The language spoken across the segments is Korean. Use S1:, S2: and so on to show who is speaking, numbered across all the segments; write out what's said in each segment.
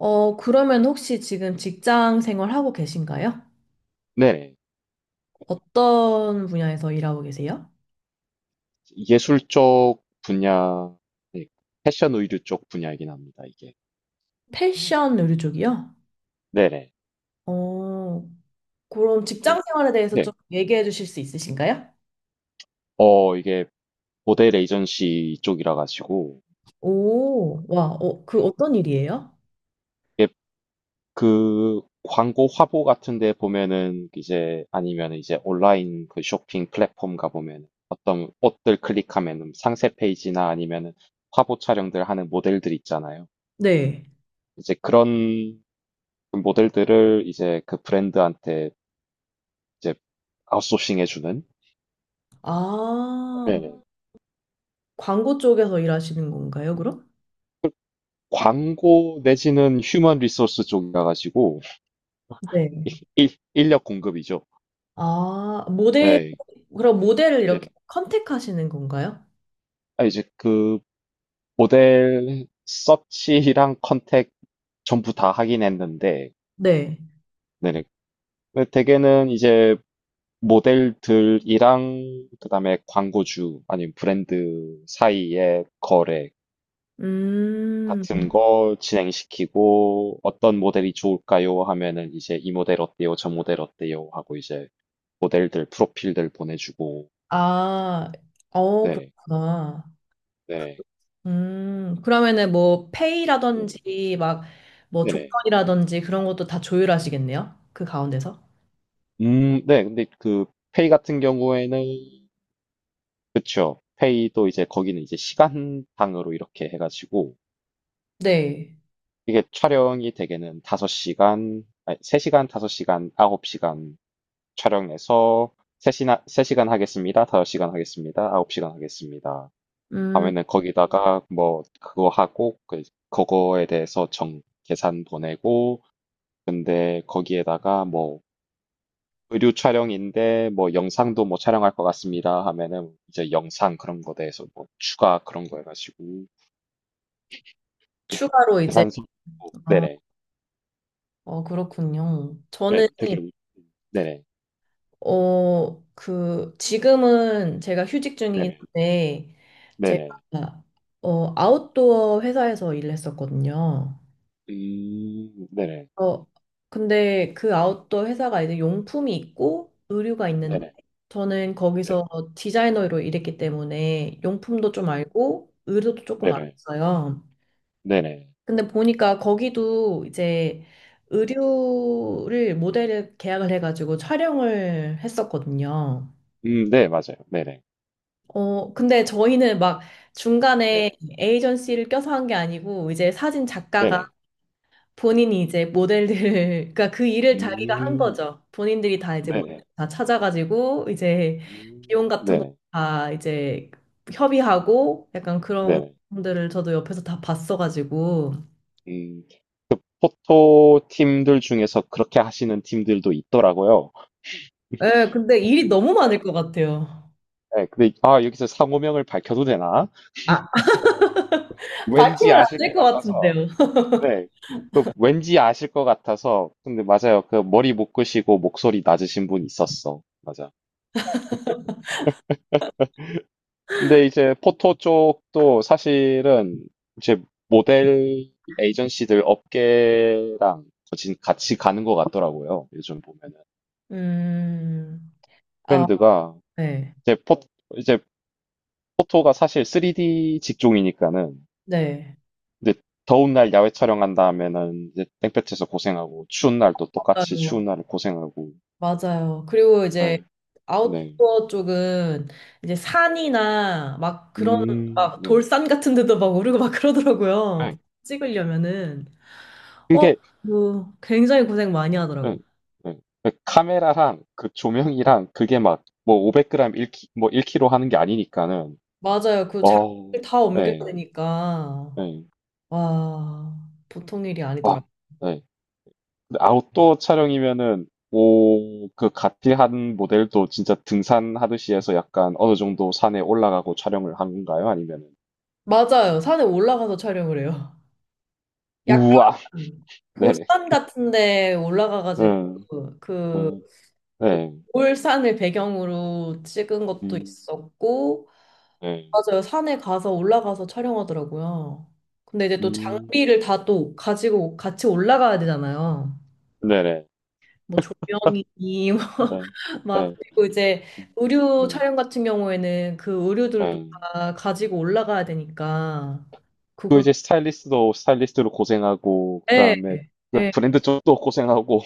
S1: 어, 그러면 혹시 지금 직장 생활하고 계신가요?
S2: 네,
S1: 어떤 분야에서 일하고 계세요?
S2: 예술 쪽 분야. 네, 패션 의류 쪽 분야이긴 합니다, 이게.
S1: 패션 의류 쪽이요?
S2: 네네.
S1: 어, 그럼
S2: 이게-
S1: 직장 생활에 대해서
S2: 네,
S1: 좀 얘기해 주실 수 있으신가요?
S2: 이게 모델 에이전시 쪽이라 가지고.
S1: 오, 와, 어, 그
S2: 네.
S1: 어떤 일이에요?
S2: 이게 그 광고 화보 같은 데 보면은 이제, 아니면 이제 온라인 그 쇼핑 플랫폼 가보면 어떤 옷들 클릭하면은 상세 페이지나 아니면은 화보 촬영들 하는 모델들 있잖아요.
S1: 네.
S2: 이제 그런 모델들을 이제 그 브랜드한테 이제 아웃소싱 해주는,
S1: 아, 광고 쪽에서 일하시는 건가요, 그럼?
S2: 광고 내지는 휴먼 리소스 쪽이라 가지고
S1: 네.
S2: 인력 공급이죠.
S1: 아, 모델,
S2: 네.
S1: 그럼 모델을 이렇게
S2: 네.
S1: 컨택하시는 건가요?
S2: 아, 이제 그 모델 서치랑 컨택 전부 다 하긴 했는데,
S1: 네.
S2: 네네. 근데 대개는 이제 모델들이랑 그다음에 광고주 아니면 브랜드 사이의 거래
S1: 음,
S2: 같은 거 진행시키고, 어떤 모델이 좋을까요? 하면은 이제 이 모델 어때요? 저 모델 어때요? 하고 이제 모델들 프로필들 보내주고.
S1: 아, 어,
S2: 네네.
S1: 그렇구나.
S2: 네.
S1: 그러면은 뭐
S2: 네.
S1: 페이라든지 막 뭐
S2: 네네.
S1: 조건이라든지 그런 것도 다 조율하시겠네요. 그 가운데서.
S2: 네. 근데 그 페이 같은 경우에는, 그쵸, 페이도 이제 거기는 이제 시간당으로 이렇게 해가지고,
S1: 네.
S2: 이게 촬영이 대개는 5시간, 아니, 3시간, 5시간, 9시간 촬영해서, 3시나, 3시간 하겠습니다. 5시간 하겠습니다. 9시간 하겠습니다.
S1: 음,
S2: 하면은 거기다가 뭐 그거 하고, 그 그거에 대해서 정 계산 보내고, 근데 거기에다가 뭐 의류 촬영인데 뭐 영상도 뭐 촬영할 것 같습니다 하면은 이제 영상 그런 거 대해서 뭐 추가 그런 거 해가지고
S1: 추가로 이제
S2: 계산서 있고.
S1: 어,
S2: 네네.
S1: 어 그렇군요.
S2: 네,
S1: 저는
S2: 되게 네네.
S1: 어 그 지금은 제가 휴직 중이긴
S2: 네네.
S1: 한데
S2: 네네.
S1: 제가 어 아웃도어 회사에서 일했었거든요.
S2: 음. 네네.
S1: 어, 근데 그 아웃도어 회사가 이제 용품이 있고 의류가 있는데
S2: 네네.
S1: 저는
S2: 네.
S1: 거기서 디자이너로 일했기 때문에 용품도 좀
S2: 음,
S1: 알고 의류도 조금
S2: 네네.
S1: 알았어요.
S2: 네네.
S1: 근데 보니까 거기도 이제
S2: 네.
S1: 의류를 모델을 계약을 해가지고 촬영을 했었거든요.
S2: 음네. 맞아요. 네네.
S1: 어, 근데 저희는 막 중간에
S2: 네네.
S1: 에이전시를 껴서 한 게 아니고 이제 사진 작가가
S2: 네네.
S1: 본인이 이제 모델들, 그러니까 그 일을 자기가 한
S2: 음.
S1: 거죠. 본인들이 다 이제
S2: 네네.
S1: 모델 다 찾아가지고 이제
S2: 음.
S1: 비용 같은 거
S2: 네네.
S1: 다 이제 협의하고 약간 그런
S2: 네네.
S1: 분들을 저도 옆에서 다 봤어가지고.
S2: 음. 그 포토 팀들 중에서 그렇게 하시는 팀들도 있더라고요.
S1: 예, 근데 일이 너무 많을 것 같아요.
S2: 네, 근데 아, 여기서 상호명을 밝혀도 되나?
S1: 아,
S2: 왠지
S1: 밝히면 안
S2: 아실
S1: 될
S2: 것
S1: 것 같은데요.
S2: 같아서. 네, 그 왠지 아실 것 같아서. 근데 맞아요. 그 머리 묶으시고 목소리 낮으신 분 있었어. 맞아. 근데 이제 포토 쪽도 사실은 이제 모델 에이전시들 업계랑 거진 같이 가는 것 같더라고요. 요즘 보면은
S1: 음, 아,
S2: 트렌드가
S1: 네,
S2: 이제 포 이제 포토가 사실 3D 직종이니까는.
S1: 네.
S2: 근데 더운 날 야외 촬영한 다음에는 이제 땡볕에서 고생하고 추운 날도 똑같이 추운
S1: 맞아요,
S2: 날을 고생하고.
S1: 맞아요. 그리고 이제
S2: 네, 네.
S1: 아웃도어 쪽은 이제 산이나 막 그런 막
S2: 네.
S1: 돌산 같은 데도 막 오르고 막 그러더라고요.
S2: 네.
S1: 찍으려면은 어,
S2: 그게.
S1: 뭐 굉장히 고생 많이
S2: 네,
S1: 하더라고.
S2: 네. 그 카메라랑 그 조명이랑 그게 막 뭐 500g 1, 뭐 1kg 하는 게 아니니까는.
S1: 맞아요. 그
S2: 어,
S1: 장비를 다 옮겨야
S2: 네,
S1: 되니까
S2: 네,
S1: 와, 보통 일이 아니더라.
S2: 네. 근데 아웃도어 촬영이면은, 오, 그 가티한 모델도 진짜 등산하듯이 해서 약간 어느 정도 산에 올라가고 촬영을 한 건가요? 아니면은.
S1: 맞아요. 산에 올라가서 촬영을 해요. 약간
S2: 우와. 네.
S1: 볼산 같은 데 올라가 가지고
S2: 음.
S1: 그
S2: 음.
S1: 그
S2: 네.
S1: 올산을 배경으로 찍은 것도
S2: 음.
S1: 있었고,
S2: 네.
S1: 맞아요. 산에 가서 올라가서 촬영하더라고요. 근데 이제 또
S2: 음.
S1: 장비를 다 또 가지고 같이 올라가야 되잖아요.
S2: 네네.
S1: 뭐 조명이
S2: 예.
S1: 막
S2: 네.
S1: 그리고 이제
S2: 음.
S1: 의류
S2: 네.
S1: 촬영 같은 경우에는 그 의류들도
S2: 네.
S1: 다 가지고 올라가야 되니까
S2: 또
S1: 그거
S2: 이제 스타일리스트도 스타일리스트로 고생하고,
S1: 예,
S2: 그다음에 그
S1: 예,
S2: 브랜드 쪽도 고생하고.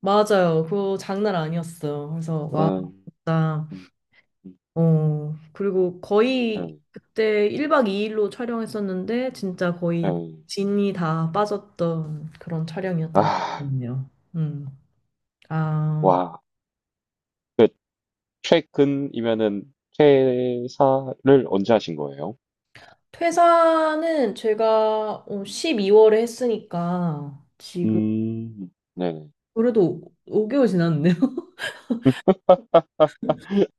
S1: 맞아요. 그거 장난 아니었어요. 그래서 와,
S2: 음.
S1: 진짜.
S2: 음. 음.
S1: 어, 그리고
S2: 예.
S1: 거의 그때 1박 2일로 촬영했었는데, 진짜
S2: 예.
S1: 거의 진이 다 빠졌던 그런 촬영이었던
S2: 아.
S1: 기억이네요. 음. 아,
S2: 와. 그 최근이면은 퇴사를 언제 하신 거예요?
S1: 퇴사는 제가 12월에 했으니까, 지금,
S2: 음. 네네.
S1: 그래도 5개월 지났네요.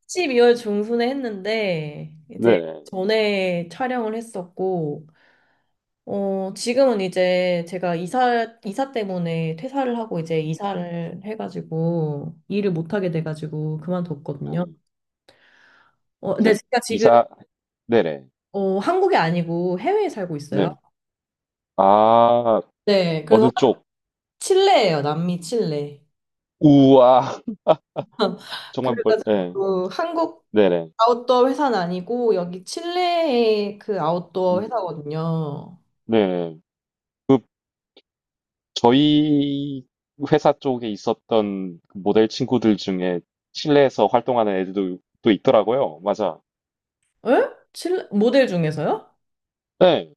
S1: 12월 중순에 했는데, 이제
S2: 네네.
S1: 전에 촬영을 했었고, 어, 지금은 이제 제가 이사 때문에 퇴사를 하고 이제 이사를 해가지고 일을 못하게
S2: 음.
S1: 돼가지고 그만뒀거든요.
S2: 음.
S1: 어, 근데
S2: 이제
S1: 제가 지금,
S2: 이사. 네네.
S1: 어, 한국이 아니고 해외에 살고 있어요.
S2: 네네. 아.
S1: 네,
S2: 어느
S1: 그래서
S2: 쪽?
S1: 칠레예요. 남미 칠레.
S2: 우와. 정말 멀, 네.
S1: 그래가지고 한국
S2: 네네.
S1: 아웃도어 회사는 아니고 여기 칠레의 그 아웃도어
S2: 음,
S1: 회사거든요.
S2: 네. 그, 저희 회사 쪽에 있었던 그 모델 친구들 중에 칠레에서 활동하는 애들도 또 있더라고요. 맞아.
S1: 에? 칠레 모델 중에서요?
S2: 네.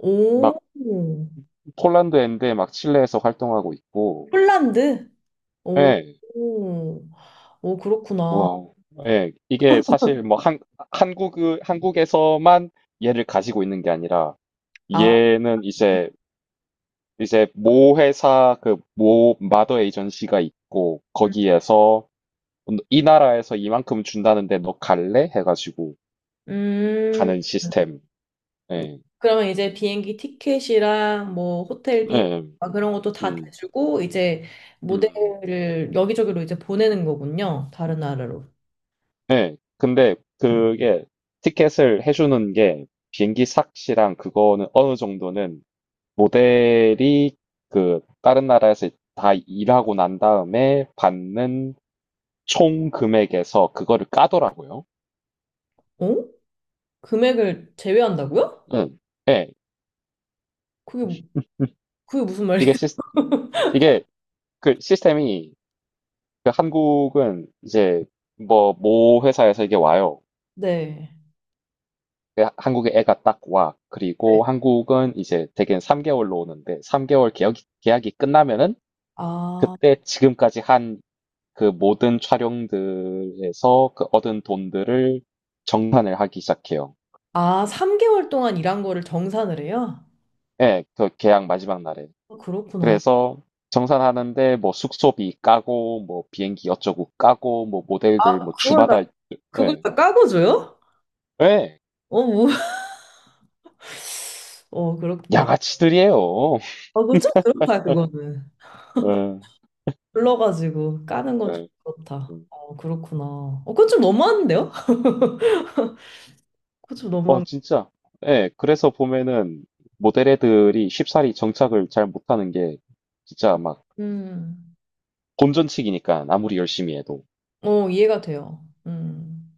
S1: 오,
S2: 막 폴란드 애인데 막 칠레에서 활동하고 있고.
S1: 폴란드? 오,
S2: 네.
S1: 오, 그렇구나.
S2: 와우. 네. 이게 사실 뭐 한국, 한국에서만 얘를 가지고 있는 게 아니라,
S1: 아,
S2: 얘는 이제 이제 모 회사, 그 모 마더 에이전시가 있고, 거기에서 이 나라에서 이만큼 준다는데 너 갈래? 해가지고
S1: 음.
S2: 가는 시스템. 예.
S1: 그러면 이제 비행기 티켓이랑 뭐 호텔비
S2: 예.
S1: 막 그런 것도 다
S2: 음.
S1: 대주고 이제
S2: 음.
S1: 모델을 여기저기로 이제 보내는 거군요. 다른 나라로.
S2: 예. 근데 그게 티켓을 해주는 게, 비행기 삭시랑 그거는 어느 정도는 모델이 그 다른 나라에서 다 일하고 난 다음에 받는 총 금액에서 그거를 까더라고요.
S1: 어? 금액을 제외한다고요?
S2: 응. 예.
S1: 그게 그게 무슨
S2: 이게
S1: 말이에요?
S2: 시스, 이게 그 시스템이, 그 한국은 이제 뭐 모 회사에서 이게 와요.
S1: 네.
S2: 한국에 애가 딱 와.
S1: 네.
S2: 그리고 한국은 이제 대개는 3개월로 오는데, 3개월 계약이 끝나면은
S1: 아,
S2: 그때 지금까지 한 그 모든 촬영들에서 그 얻은 돈들을 정산을 하기 시작해요.
S1: 아, 3개월 동안 일한 거를 정산을 해요?
S2: 예, 그 계약 마지막 날에.
S1: 아 그렇구나.
S2: 그래서 정산하는데 뭐 숙소비 까고 뭐 비행기 어쩌고 까고 뭐 모델들 뭐
S1: 그걸 다
S2: 주마다.
S1: 그걸
S2: 예.
S1: 다 까고 줘요?
S2: 예.
S1: 어, 뭐. 어, 그렇구나.
S2: 양아치들이에요.
S1: 어, 그거 좀 그렇다 그거는.
S2: 예,
S1: 불러가지고 까는 건 좀
S2: 예,
S1: 그렇다.
S2: 음.
S1: 어, 그렇구나. 어, 그건 좀 너무한데요? 그건 좀
S2: 어,
S1: 너무한.
S2: 진짜. 예, 그래서 보면은 모델 애들이 쉽사리 정착을 잘 못하는 게, 진짜 막
S1: 음,
S2: 본전치기니까 아무리 열심히 해도.
S1: 어, 이해가 돼요.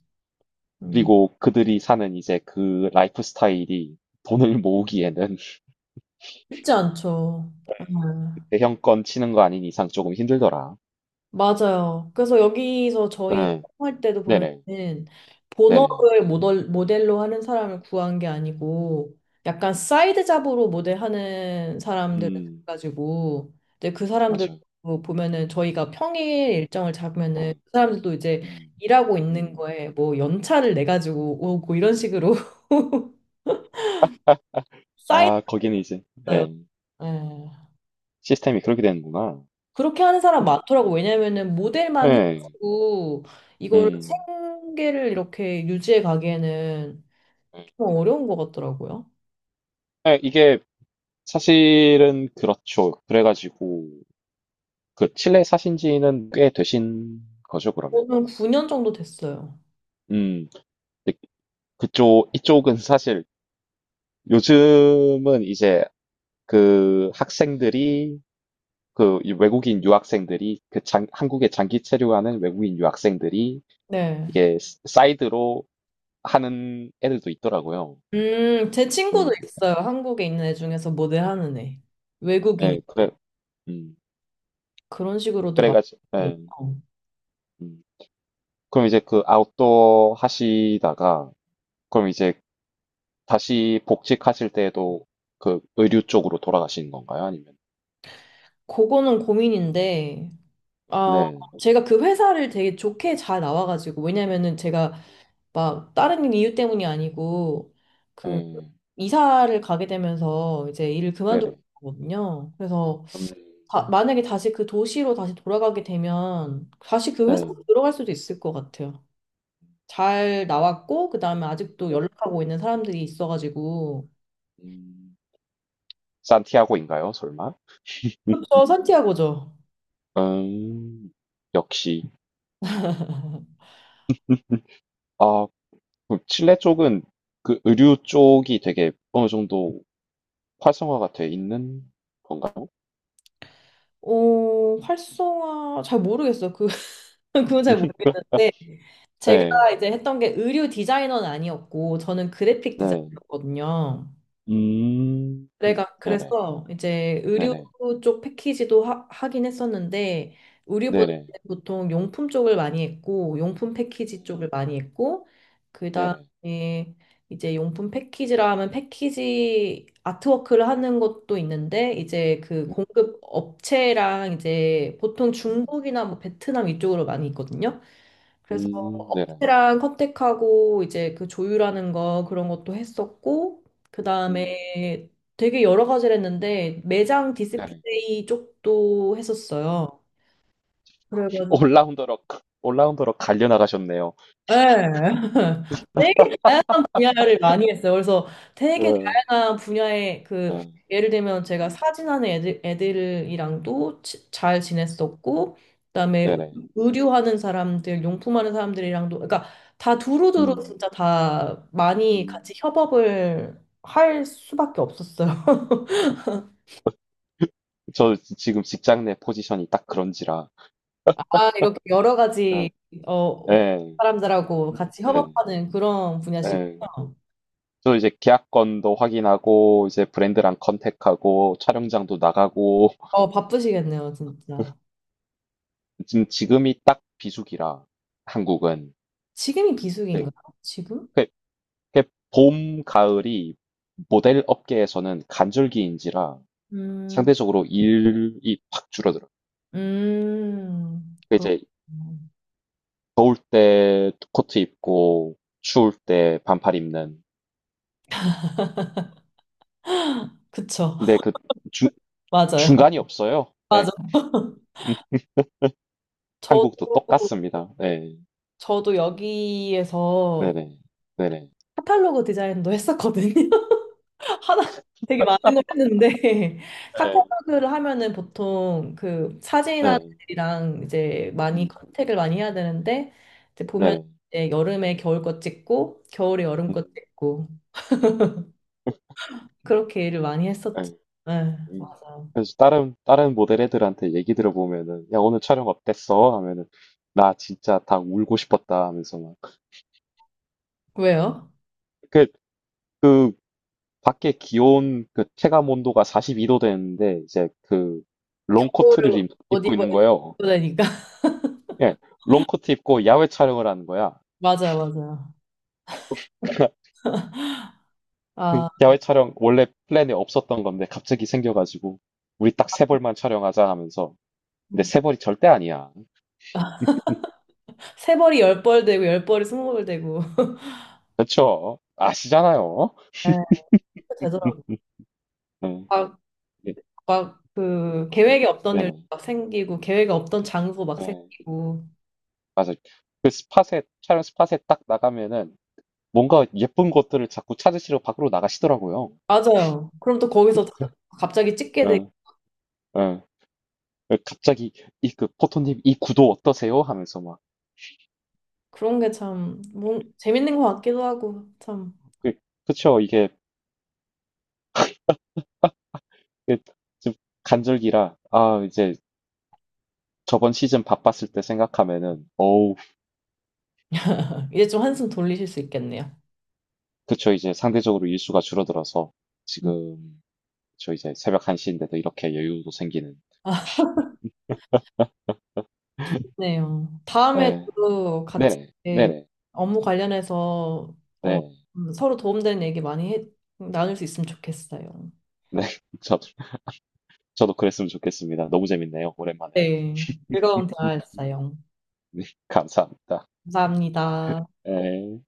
S1: 음.
S2: 그리고 그들이 사는 이제 그 라이프 스타일이 돈을 모으기에는,
S1: 쉽지 않죠. 음.
S2: 대형권 치는 거 아닌 이상 조금 힘들더라.
S1: 맞아요. 그래서 여기서 저희
S2: 네.
S1: 할 때도
S2: 네네,
S1: 보면은
S2: 네네.
S1: 본업을 모델로 하는 사람을 구한 게 아니고 약간 사이드 잡으로 모델하는 사람들을
S2: 음,
S1: 가지고 이제 그 사람들
S2: 맞아요.
S1: 도 보면은 저희가 평일 일정을 잡으면은
S2: 네.
S1: 그 사람들도 이제
S2: 음,
S1: 일하고 있는
S2: 음.
S1: 거에 뭐 연차를 내 가지고 오고 이런 식으로
S2: 아, 거기는 이제,
S1: 쌓였어요.
S2: 예, 시스템이 그렇게 되는구나.
S1: 그렇게 하는 사람 많더라고. 왜냐면은 모델만
S2: 예,
S1: 해가지고 이거를
S2: 음.
S1: 생계를 이렇게 유지해 가기에는
S2: 예.
S1: 좀 어려운 것 같더라고요.
S2: 네, 이게 사실은 그렇죠. 그래가지고 그 칠레 사신 지는 꽤 되신 거죠, 그러면.
S1: 저는 9년 정도 됐어요.
S2: 음, 근데 그쪽 이쪽은 사실 요즘은 이제 그 학생들이, 그 외국인 유학생들이, 한국에 장기 체류하는 외국인 유학생들이
S1: 네.
S2: 사이드로 하는 애들도 있더라고요.
S1: 제
S2: 음,
S1: 친구도 있어요. 한국에 있는 애 중에서 모델 하는 애. 외국인이.
S2: 네, 그래, 음,
S1: 그런 식으로도
S2: 그래가지고, 네,
S1: 많군요.
S2: 음. 그럼 이제 그 아웃도어 하시다가 그럼 이제 다시 복직하실 때도 그 의류 쪽으로 돌아가시는 건가요? 아니면.
S1: 그거는 고민인데, 아,
S2: 네,
S1: 제가 그 회사를 되게 좋게 잘 나와가지고, 왜냐면은 제가 막 다른 이유 때문이 아니고 그
S2: 네,
S1: 이사를 가게 되면서 이제 일을 그만두게
S2: 네네,
S1: 되거든요. 그래서
S2: 음,
S1: 만약에 다시 그 도시로 다시 돌아가게 되면 다시 그
S2: 네,
S1: 회사로 들어갈 수도 있을 것 같아요. 잘 나왔고 그다음에 아직도
S2: 네,
S1: 연락하고 있는 사람들이 있어가지고
S2: 음, 산티아고인가요? 설마?
S1: 그렇죠 산티아고죠.
S2: 음, 역시. 아, 그 칠레 쪽은 그 의류 쪽이 되게 어느 정도 활성화가 돼 있는 건가요?
S1: 어 활성화 잘 모르겠어요. 그 그건 잘 모르겠는데
S2: 네,
S1: 제가 이제 했던 게 의류 디자이너는 아니었고 저는 그래픽
S2: 네,
S1: 디자이너거든요. 내가
S2: 네네,
S1: 그래서 이제 의류
S2: 네네,
S1: 쪽 패키지도 하긴 했었는데 의류보다
S2: 네네,
S1: 보통 용품 쪽을 많이 했고 용품 패키지
S2: 음,
S1: 쪽을 많이 했고
S2: 네네,
S1: 그다음에 이제 용품 패키지라 하면 패키지 아트워크를 하는 것도 있는데 이제 그
S2: 음,
S1: 공급 업체랑 이제 보통
S2: 음,
S1: 중국이나 뭐 베트남 이쪽으로 많이 있거든요. 그래서
S2: 네네,
S1: 업체랑 컨택하고 이제 그 조율하는 거 그런 것도 했었고
S2: 음,
S1: 그다음에 되게 여러 가지를 했는데 매장
S2: 네네.
S1: 디스플레이 쪽도 했었어요. 그래가지고
S2: 올라운더로 올라운더로 갈려 나가셨네요.
S1: 네. 되게 분야를 많이 했어요. 그래서 되게
S2: 예.
S1: 다양한 분야의
S2: 예.
S1: 그 예를 들면 제가
S2: 음,
S1: 사진하는 애들, 애들이랑도 잘 지냈었고 그다음에
S2: 네네.
S1: 의류하는 사람들, 용품하는 사람들이랑도 그러니까 다 두루두루
S2: 음,
S1: 진짜 다 많이 같이
S2: 음.
S1: 협업을 할 수밖에 없었어요.
S2: 지금 직장 내 포지션이 딱 그런지라.
S1: 아, 이렇게 여러
S2: 예.
S1: 가지 어,
S2: 예.
S1: 사람들하고 같이
S2: 예.
S1: 협업하는 그런 분야시군요.
S2: 예. 저 이제 계약건도 확인하고 이제 브랜드랑 컨택하고 촬영장도 나가고.
S1: 어, 바쁘시겠네요, 진짜.
S2: 지금이 딱 비수기라, 한국은.
S1: 지금이
S2: 네.
S1: 비수기인가요? 지금?
S2: 그- 그봄 가을이 모델 업계에서는 간절기인지라
S1: 음,
S2: 상대적으로 일이 확 줄어들어. 그 이제
S1: 그렇군요.
S2: 더울 때 코트 입고 추울 때 반팔 입는.
S1: 그쵸.
S2: 근데 그 중,
S1: 맞아요.
S2: 중간이 없어요. 네.
S1: 맞아.
S2: 음,
S1: 저도,
S2: 한국도 똑같습니다. 네.
S1: 저도 여기에서
S2: 네네. 네네.
S1: 카탈로그 디자인도 했었거든요. 하나 되게 많은 걸 했는데
S2: 네. 네.
S1: 카탈로그를 하면은 보통 그 사진이랑 이제 많이
S2: 음.
S1: 컨택을 많이 해야 되는데 이제 보면
S2: 네네.
S1: 이제 여름에 겨울 것 찍고 겨울에 여름
S2: 음.
S1: 것 찍고
S2: 음.
S1: 그렇게 일을 많이 했었죠.
S2: 네.
S1: 네,
S2: 음.
S1: 맞아요.
S2: 그래서 다른 모델 애들한테 얘기 들어보면은, 야 오늘 촬영 어땠어? 하면은 나 진짜 다 울고 싶었다 하면서 막,
S1: 왜요?
S2: 그 그 밖에 기온, 그 체감 온도가 42도 되는데 이제 그 롱코트를
S1: 겨울 옷
S2: 입고
S1: 입어
S2: 있는 거예요.
S1: 입으니까
S2: 예, 롱코트 입고 야외 촬영을 하는 거야.
S1: 맞아요, 맞아요. 아,
S2: 야외 촬영 원래 플랜에 없었던 건데 갑자기 생겨가지고 우리 딱 세 벌만 촬영하자 하면서. 근데 세 벌이 절대 아니야.
S1: 세 벌이 열벌 되고 열 벌이 스무 벌 되고
S2: 그렇죠? 아시잖아요.
S1: 네, 되더라고.
S2: 응.
S1: 요
S2: 네,
S1: 막 그 계획에 없던
S2: 네,
S1: 일
S2: 네.
S1: 막 생기고 계획에 없던 장소 막
S2: 네,
S1: 생기고
S2: 맞아요. 그 스팟에, 촬영 스팟에 딱 나가면은 뭔가 예쁜 것들을 자꾸 찾으시러 밖으로 나가시더라고요.
S1: 맞아요. 그럼 또 거기서 갑자기 찍게 돼
S2: 응, 응. 갑자기 이, 그 포토님 이 구도 어떠세요? 하면서 막.
S1: 그런 게 참 뭔 재밌는 것 같기도 하고 참
S2: 그, 그쵸, 이게. 그, 지금 간절기라, 아, 이제 저번 시즌 바빴을 때 생각하면은, 어우.
S1: 이제 좀 한숨 돌리실 수 있겠네요.
S2: 그쵸, 이제 상대적으로 일수가 줄어들어서,
S1: 음.
S2: 지금, 저 이제 새벽 1시인데도 이렇게 여유도 생기는.
S1: 아, 네요. 다음에
S2: 네,
S1: 또 같이
S2: 네네,
S1: 이렇게
S2: 네네,
S1: 업무 관련해서 어,
S2: 네,
S1: 서로 도움되는 얘기 많이 해, 나눌 수 있으면 좋겠어요.
S2: 네. 저도, 저도 그랬으면 좋겠습니다. 너무 재밌네요, 오랜만에.
S1: 네, 즐거운 대화였어요.
S2: 네, 감사합니다.
S1: 감사합니다.
S2: 네.